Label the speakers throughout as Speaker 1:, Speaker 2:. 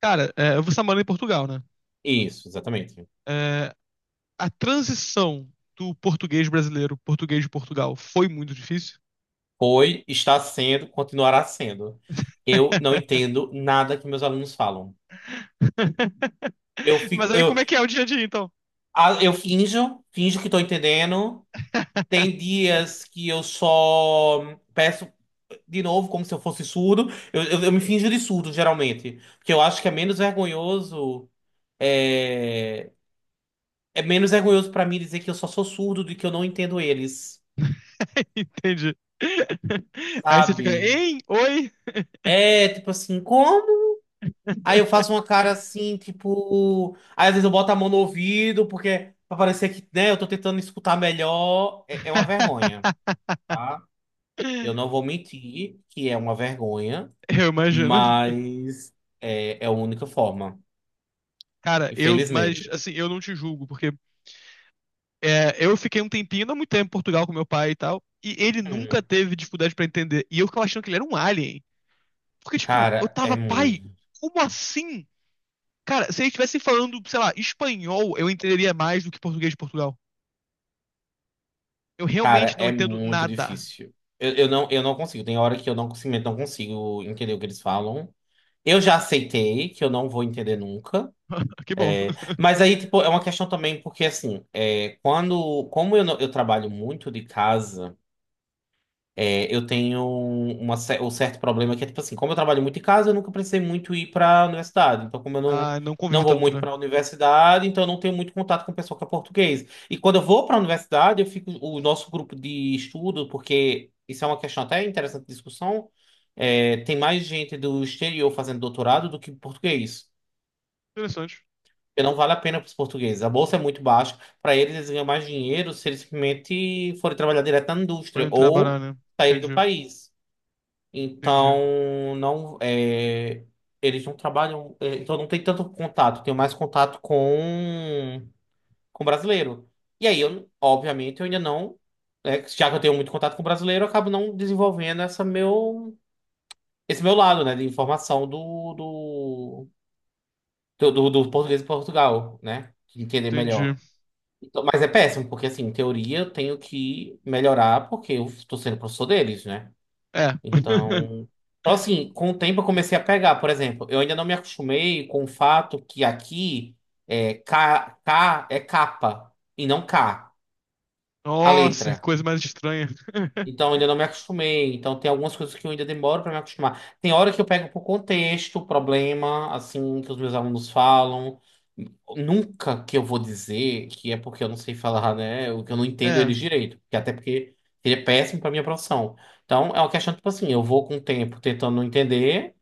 Speaker 1: Cara, eu você morando em Portugal, né?
Speaker 2: Isso, exatamente.
Speaker 1: É, a transição do português brasileiro, português de Portugal, foi muito difícil.
Speaker 2: Foi, está sendo, continuará sendo. Eu não entendo nada que meus alunos falam. Eu
Speaker 1: Mas
Speaker 2: fico,
Speaker 1: aí como é que é o dia a dia, então?
Speaker 2: ah, eu finjo que estou entendendo. Tem dias que eu só peço de novo, como se eu fosse surdo. Eu me finjo de surdo, geralmente. Porque eu acho que é menos vergonhoso. É, é menos vergonhoso para mim dizer que eu só sou surdo do que eu não entendo eles,
Speaker 1: Entendi. Aí você fica,
Speaker 2: sabe?
Speaker 1: hein? Oi?
Speaker 2: É tipo assim, como? Aí eu faço uma cara assim, tipo. Aí às vezes eu boto a mão no ouvido, porque pra parecer que, né, eu tô tentando escutar melhor. É uma vergonha, tá? Eu não vou mentir que é uma vergonha,
Speaker 1: Eu imagino.
Speaker 2: mas é a única forma,
Speaker 1: Cara, mas
Speaker 2: infelizmente.
Speaker 1: assim, eu não te julgo, porque eu fiquei um tempinho, não muito tempo em Portugal com meu pai e tal, e ele nunca
Speaker 2: Hum.
Speaker 1: teve dificuldade pra entender. E eu ficava achando que ele era um alien. Porque, tipo, eu
Speaker 2: Cara,
Speaker 1: tava,
Speaker 2: é
Speaker 1: pai,
Speaker 2: muito.
Speaker 1: como assim? Cara, se eles estivessem falando, sei lá, espanhol, eu entenderia mais do que português de Portugal. Eu
Speaker 2: Cara,
Speaker 1: realmente não
Speaker 2: é
Speaker 1: entendo
Speaker 2: muito
Speaker 1: nada.
Speaker 2: difícil. Eu não consigo. Tem hora que eu não consigo entender o que eles falam. Eu já aceitei que eu não vou entender nunca.
Speaker 1: Que bom.
Speaker 2: Mas aí, tipo, é uma questão também, porque assim, é, quando, como eu, não- eu trabalho muito de casa, é, eu tenho um certo problema que é, tipo assim, como eu trabalho muito de casa, eu nunca precisei muito ir para a universidade. Então, como eu não,
Speaker 1: Ah, não convive
Speaker 2: não vou
Speaker 1: tanto,
Speaker 2: muito
Speaker 1: né?
Speaker 2: para a universidade, então eu não tenho muito contato com o pessoal que é português. E quando eu vou para a universidade, eu fico, o nosso grupo de estudo, porque isso é uma questão até interessante de discussão, é, tem mais gente do exterior fazendo doutorado do que português.
Speaker 1: Interessante.
Speaker 2: Porque não vale a pena para os portugueses. A bolsa é muito baixa. Para eles, eles ganham mais dinheiro se eles simplesmente forem trabalhar direto na indústria
Speaker 1: Podem trabalhar,
Speaker 2: ou
Speaker 1: né?
Speaker 2: saírem do
Speaker 1: Entendi,
Speaker 2: país.
Speaker 1: entendi,
Speaker 2: Então, não é, eles não trabalham. É, então, não tem tanto contato. Tenho mais contato com brasileiro. E aí, eu, obviamente, eu ainda não. Né, já que eu tenho muito contato com brasileiro, eu acabo não desenvolvendo esse meu lado, né, de informação do português de Portugal, né? De entender
Speaker 1: entendi.
Speaker 2: melhor. Então, mas é péssimo, porque assim, em teoria eu tenho que melhorar porque eu estou sendo professor deles, né?
Speaker 1: É.
Speaker 2: Então, então, assim, com o tempo eu comecei a pegar, por exemplo, eu ainda não me acostumei com o fato que aqui é K, K é capa e não K, a
Speaker 1: Nossa, que
Speaker 2: letra.
Speaker 1: coisa mais estranha.
Speaker 2: Então, ainda não me acostumei. Então, tem algumas coisas que eu ainda demoro para me acostumar. Tem hora que eu pego por contexto, o problema, assim, que os meus alunos falam. Nunca que eu vou dizer que é porque eu não sei falar, né? O que eu não entendo
Speaker 1: É.
Speaker 2: eles direito. Que até porque seria péssimo para minha profissão. Então, é uma questão, tipo assim, eu vou com o tempo tentando entender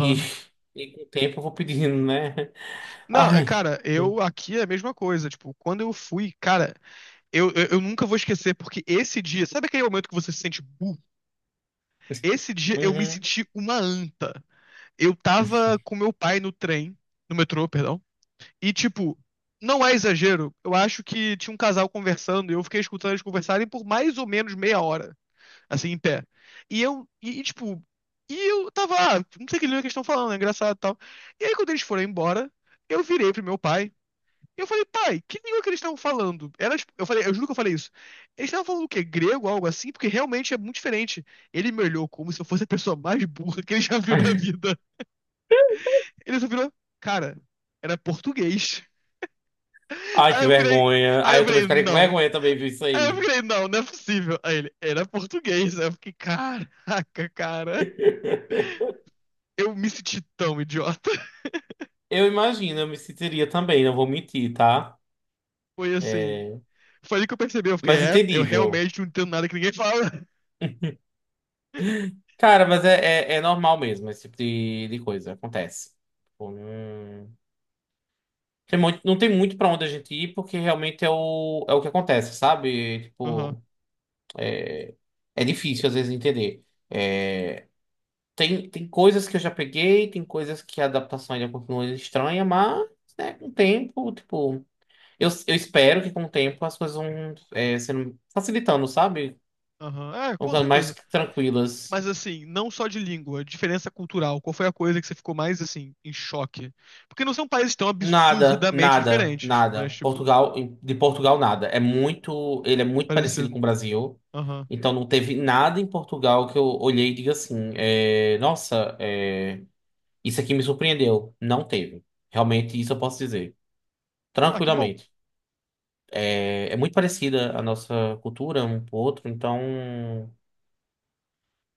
Speaker 2: e, e com o tempo eu vou pedindo, né?
Speaker 1: Não, é,
Speaker 2: Ai.
Speaker 1: cara, eu aqui é a mesma coisa. Tipo, quando eu fui, cara, eu nunca vou esquecer, porque esse dia, sabe aquele momento que você se sente burro? Esse dia eu me
Speaker 2: Uhum.
Speaker 1: senti uma anta. Eu tava com meu pai no trem, no metrô, perdão, e tipo, não é exagero, eu acho que tinha um casal conversando e eu fiquei escutando eles conversarem por mais ou menos meia hora, assim, em pé. E eu, e, tipo, E eu tava, ah, não sei o que eles estão falando, é engraçado e tal. E aí quando eles foram embora, eu virei pro meu pai eu falei, pai, que língua que eles estavam falando? Era, eu falei, eu juro que eu falei isso. Eles estavam falando o quê? Grego, algo assim? Porque realmente é muito diferente. Ele me olhou como se eu fosse a pessoa mais burra que ele já viu na vida. Ele só virou, cara, era português.
Speaker 2: Ai,
Speaker 1: Aí
Speaker 2: que
Speaker 1: eu virei,
Speaker 2: vergonha.
Speaker 1: aí
Speaker 2: Ai,
Speaker 1: eu
Speaker 2: eu também
Speaker 1: virei,
Speaker 2: ficaria com
Speaker 1: não.
Speaker 2: vergonha também, viu isso
Speaker 1: Aí eu
Speaker 2: aí.
Speaker 1: virei, não, não é possível. Aí ele, era português. Aí eu fiquei, caraca, cara. Eu me senti tão idiota.
Speaker 2: Eu imagino, eu me sentiria também, não vou mentir, tá?
Speaker 1: Foi assim,
Speaker 2: É...
Speaker 1: foi ali que eu percebi, eu fiquei,
Speaker 2: Mas
Speaker 1: é, eu
Speaker 2: entendível.
Speaker 1: realmente não entendo nada que ninguém fala.
Speaker 2: Cara, mas é, é normal mesmo, esse tipo de coisa, acontece. Tipo, não... Tem muito, não tem muito pra onde a gente ir, porque realmente é o, é o que acontece, sabe?
Speaker 1: Aham,
Speaker 2: Tipo, é difícil às vezes entender. É... Tem coisas que eu já peguei, tem coisas que a adaptação ainda continua estranha, mas, né, com o tempo, tipo. Eu espero que com o tempo as coisas vão é, sendo facilitando, sabe?
Speaker 1: aham, é,
Speaker 2: Vão
Speaker 1: com
Speaker 2: ficando mais
Speaker 1: certeza.
Speaker 2: tranquilas.
Speaker 1: Mas assim, não só de língua, diferença cultural. Qual foi a coisa que você ficou mais assim em choque? Porque não são países tão
Speaker 2: Nada,
Speaker 1: absurdamente
Speaker 2: nada,
Speaker 1: diferentes, mas
Speaker 2: nada.
Speaker 1: tipo,
Speaker 2: Portugal, de Portugal, nada. É muito, ele é
Speaker 1: muito
Speaker 2: muito parecido
Speaker 1: parecido.
Speaker 2: com o Brasil.
Speaker 1: Aham.
Speaker 2: Então não teve nada em Portugal que eu olhei e diga assim, é, nossa, é, isso aqui me surpreendeu. Não teve. Realmente isso eu posso dizer.
Speaker 1: Ah, que bom.
Speaker 2: Tranquilamente. É, é muito parecida a nossa cultura um pro outro, então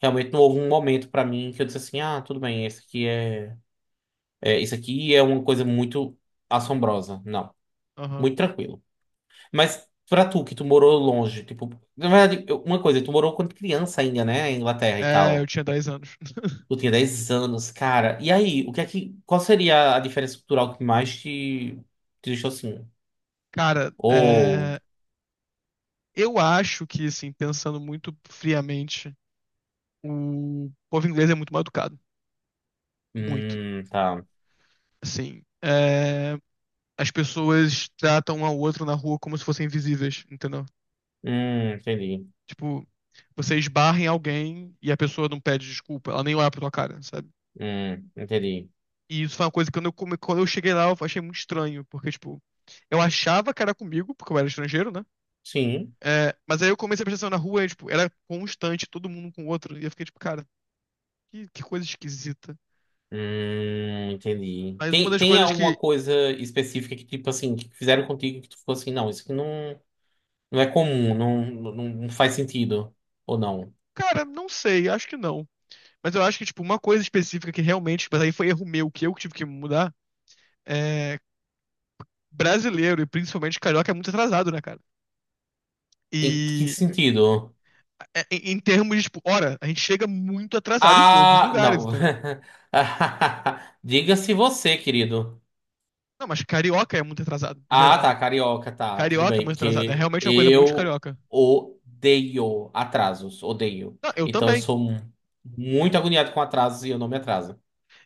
Speaker 2: realmente não houve um momento pra mim que eu disse assim, ah, tudo bem, esse aqui é, é isso aqui é uma coisa muito assombrosa. Não,
Speaker 1: Aham.
Speaker 2: muito tranquilo. Mas pra tu que tu morou longe, tipo, na verdade, uma coisa, tu morou quando criança ainda, né, em Inglaterra e
Speaker 1: É, eu
Speaker 2: tal.
Speaker 1: tinha 10 anos.
Speaker 2: Tu tinha 10 anos, cara. E aí, o que é que qual seria a diferença cultural que mais te, te deixou assim?
Speaker 1: Cara,
Speaker 2: Ou,
Speaker 1: eu acho que assim, pensando muito friamente, o povo inglês é muito mal educado, muito.
Speaker 2: tá.
Speaker 1: Assim, é, as pessoas tratam um ao outro na rua como se fossem invisíveis, entendeu?
Speaker 2: Entendi.
Speaker 1: Tipo, você esbarra em alguém e a pessoa não pede desculpa, ela nem olha pra tua cara, sabe?
Speaker 2: Entendi.
Speaker 1: E isso foi uma coisa que quando eu, quando eu cheguei lá eu achei muito estranho, porque, tipo, eu achava que era comigo, porque eu era estrangeiro, né?
Speaker 2: Sim.
Speaker 1: É, mas aí eu comecei a prestar atenção na rua e, tipo, era constante, todo mundo um com o outro, e eu fiquei, tipo, cara, que coisa esquisita.
Speaker 2: Entendi.
Speaker 1: Mas uma
Speaker 2: Tem,
Speaker 1: das
Speaker 2: tem
Speaker 1: coisas
Speaker 2: alguma
Speaker 1: que,
Speaker 2: coisa específica que, tipo assim, que fizeram contigo que tu ficou assim, não, isso aqui não, não é comum, não, não, não faz sentido. Ou não?
Speaker 1: cara, não sei, acho que não. Mas eu acho que, tipo, uma coisa específica que realmente, mas aí foi erro meu, que eu que tive que mudar, é brasileiro, e principalmente carioca, é muito atrasado, né, cara?
Speaker 2: Em que
Speaker 1: E
Speaker 2: sentido?
Speaker 1: é, em termos de, tipo, hora, a gente chega muito atrasado em todos os
Speaker 2: Ah,
Speaker 1: lugares,
Speaker 2: não.
Speaker 1: entendeu?
Speaker 2: Diga-se você, querido.
Speaker 1: Não, mas carioca é muito atrasado, no
Speaker 2: Ah,
Speaker 1: geral.
Speaker 2: tá, carioca, tá, tudo
Speaker 1: Carioca é
Speaker 2: bem,
Speaker 1: muito atrasado, é
Speaker 2: porque
Speaker 1: realmente uma coisa muito de
Speaker 2: eu
Speaker 1: carioca.
Speaker 2: odeio atrasos, odeio.
Speaker 1: Não, eu
Speaker 2: Então eu
Speaker 1: também.
Speaker 2: sou muito agoniado com atrasos e eu não me atraso.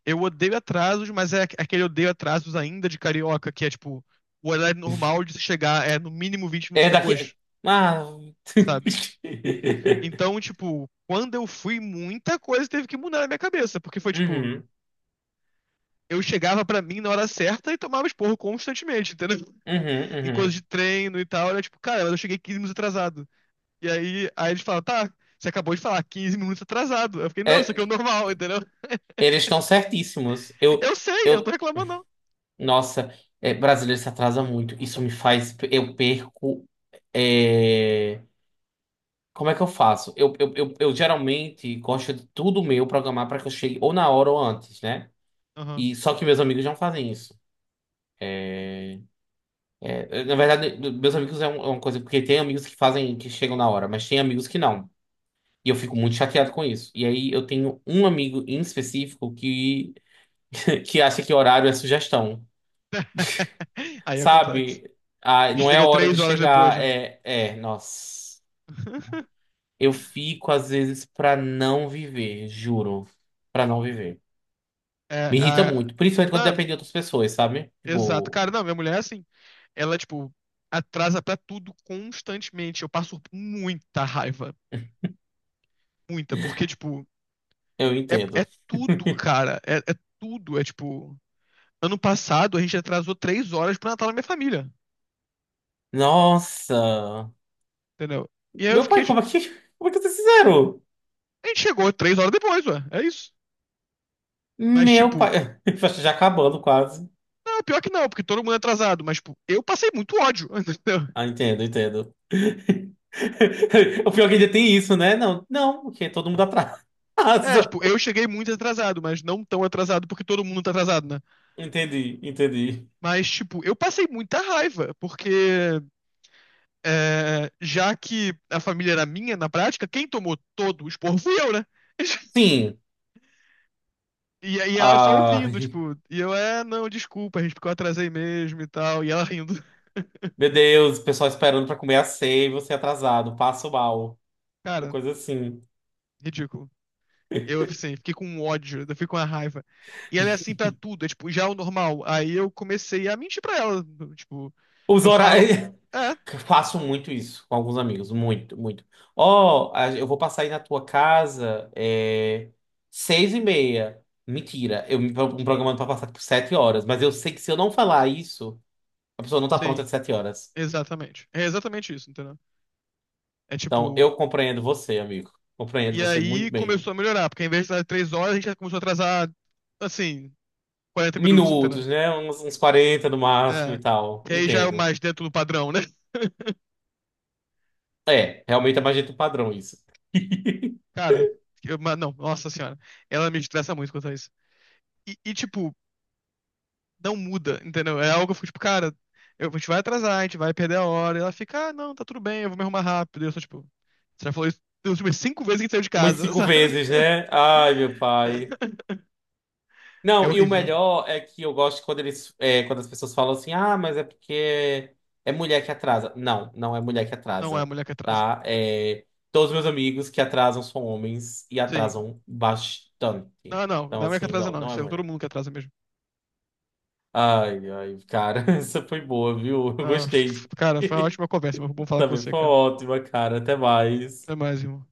Speaker 1: Eu odeio atrasos, mas é é aquele odeio atrasos ainda de carioca, que é tipo, o horário normal de se chegar é no mínimo 20 minutos
Speaker 2: É
Speaker 1: depois,
Speaker 2: daqui. Ah.
Speaker 1: sabe? Então, tipo, quando eu fui, muita coisa teve que mudar na minha cabeça, porque foi tipo,
Speaker 2: Uhum,
Speaker 1: eu chegava pra mim na hora certa e tomava esporro constantemente, entendeu?
Speaker 2: uhum,
Speaker 1: Em coisas de
Speaker 2: uhum.
Speaker 1: treino e tal, era tipo, cara, mas eu cheguei 15 minutos atrasado. E aí, aí eles falam, tá, você acabou de falar 15 minutos atrasado. Eu fiquei, não, isso aqui é o
Speaker 2: É,
Speaker 1: normal, entendeu?
Speaker 2: eles estão certíssimos.
Speaker 1: Eu sei, eu não tô
Speaker 2: Eu,
Speaker 1: reclamando, não.
Speaker 2: nossa, é, brasileiro se atrasa muito. Isso me faz, eu perco. É, como é que eu faço? Eu geralmente gosto de tudo meu programar para que eu chegue ou na hora ou antes, né?
Speaker 1: Aham.
Speaker 2: E só que meus amigos não fazem isso. É, na verdade, meus amigos é um- é uma coisa, porque tem amigos que fazem, que chegam na hora, mas tem amigos que não. E eu fico muito chateado com isso. E aí eu tenho um amigo em específico que, que acha que horário é sugestão.
Speaker 1: Aí é complexo.
Speaker 2: Sabe? Ah, não é a
Speaker 1: Chega
Speaker 2: hora de
Speaker 1: 3 horas depois,
Speaker 2: chegar.
Speaker 1: né?
Speaker 2: É, nossa. Eu fico, às vezes, pra não viver, juro. Pra não viver.
Speaker 1: É,
Speaker 2: Me irrita
Speaker 1: a...
Speaker 2: muito, principalmente quando
Speaker 1: Não,
Speaker 2: depende de outras pessoas, sabe?
Speaker 1: exato.
Speaker 2: Tipo,
Speaker 1: Cara, não, minha mulher é assim. Ela, tipo, atrasa pra tudo constantemente. Eu passo muita raiva. Muita, porque, tipo,
Speaker 2: eu
Speaker 1: é
Speaker 2: entendo.
Speaker 1: tudo, cara. É, é tudo. É, tipo, ano passado a gente atrasou 3 horas pro Natal da minha família,
Speaker 2: Nossa!
Speaker 1: entendeu? E aí eu
Speaker 2: Meu
Speaker 1: fiquei,
Speaker 2: pai,
Speaker 1: tipo,
Speaker 2: como é que, como é que vocês fizeram?
Speaker 1: a gente chegou 3 horas depois, ué. É isso. Mas,
Speaker 2: Meu
Speaker 1: tipo,
Speaker 2: pai. Já acabando quase.
Speaker 1: não, pior que não, porque todo mundo é atrasado. Mas, tipo, eu passei muito ódio, entendeu?
Speaker 2: Ah, entendo, entendo. O pior é que ainda tem isso, né? Não, não, porque todo mundo atrasa.
Speaker 1: É, tipo, eu cheguei muito atrasado, mas não tão atrasado porque todo mundo tá atrasado, né?
Speaker 2: Entendi, entendi.
Speaker 1: Mas, tipo, eu passei muita raiva, porque é, já que a família era minha, na prática, quem tomou todo o esporro fui eu, né?
Speaker 2: Sim.
Speaker 1: E ela só
Speaker 2: Ah,
Speaker 1: ouvindo, tipo, é, não, desculpa, gente, porque eu atrasei mesmo e tal, e ela rindo.
Speaker 2: meu Deus, o pessoal esperando pra comer a ceia e você atrasado, passo mal. Uma
Speaker 1: Cara,
Speaker 2: coisa assim.
Speaker 1: ridículo. Eu, assim, fiquei com um ódio, eu fiquei com uma raiva. E ela é assim pra tudo, é tipo, já é o normal. Aí eu comecei a mentir pra ela. Tipo,
Speaker 2: Os
Speaker 1: eu falo,
Speaker 2: horários.
Speaker 1: é,
Speaker 2: Faço muito isso com alguns amigos, muito, muito. Ó, eu vou passar aí na tua casa, é, 6:30. Mentira, eu me programando pra passar tipo 7h, mas eu sei que se eu não falar isso, a pessoa não tá pronta
Speaker 1: sim,
Speaker 2: de 7h.
Speaker 1: exatamente. É exatamente isso, entendeu? É
Speaker 2: Então,
Speaker 1: tipo,
Speaker 2: eu compreendo você, amigo. Compreendo
Speaker 1: e
Speaker 2: você muito
Speaker 1: aí
Speaker 2: bem.
Speaker 1: começou a melhorar, porque em vez de atrasar 3 horas, a gente já começou a atrasar, assim, 40 minutos, entendeu?
Speaker 2: Minutos, né? Uns 40 no máximo e
Speaker 1: É,
Speaker 2: tal.
Speaker 1: que aí já é o
Speaker 2: Entendo.
Speaker 1: mais dentro do padrão, né?
Speaker 2: É, realmente é mais jeito padrão isso.
Speaker 1: Cara, mas não, nossa senhora, ela me estressa muito quanto a isso. E, tipo, não muda, entendeu? É algo que eu fico tipo, cara, eu, a gente vai atrasar, a gente vai perder a hora. E ela fica, ah, não, tá tudo bem, eu vou me arrumar rápido. E eu sou tipo, você já falou isso das últimas 5 vezes que a gente saiu de
Speaker 2: Umas
Speaker 1: casa,
Speaker 2: cinco
Speaker 1: sabe?
Speaker 2: vezes, né? Ai, meu pai.
Speaker 1: É
Speaker 2: Não, e o
Speaker 1: horrível.
Speaker 2: melhor é que eu gosto quando eles, é, quando as pessoas falam assim, ah, mas é porque é mulher que atrasa. Não, não é mulher que
Speaker 1: Não é a
Speaker 2: atrasa,
Speaker 1: mulher que atrasa.
Speaker 2: tá? É, todos os meus amigos que atrasam são homens e
Speaker 1: Sim.
Speaker 2: atrasam bastante.
Speaker 1: Não, não, não é
Speaker 2: Então,
Speaker 1: a mulher que
Speaker 2: assim,
Speaker 1: atrasa,
Speaker 2: não,
Speaker 1: não.
Speaker 2: não
Speaker 1: Isso
Speaker 2: é
Speaker 1: é todo
Speaker 2: mulher.
Speaker 1: mundo que atrasa mesmo.
Speaker 2: Ai, ai, cara, essa foi boa, viu? Eu
Speaker 1: Ah,
Speaker 2: gostei.
Speaker 1: cara, foi uma ótima conversa, mas foi bom falar com
Speaker 2: Também
Speaker 1: você,
Speaker 2: foi
Speaker 1: cara.
Speaker 2: ótima, cara. Até mais.
Speaker 1: Até mais, irmão.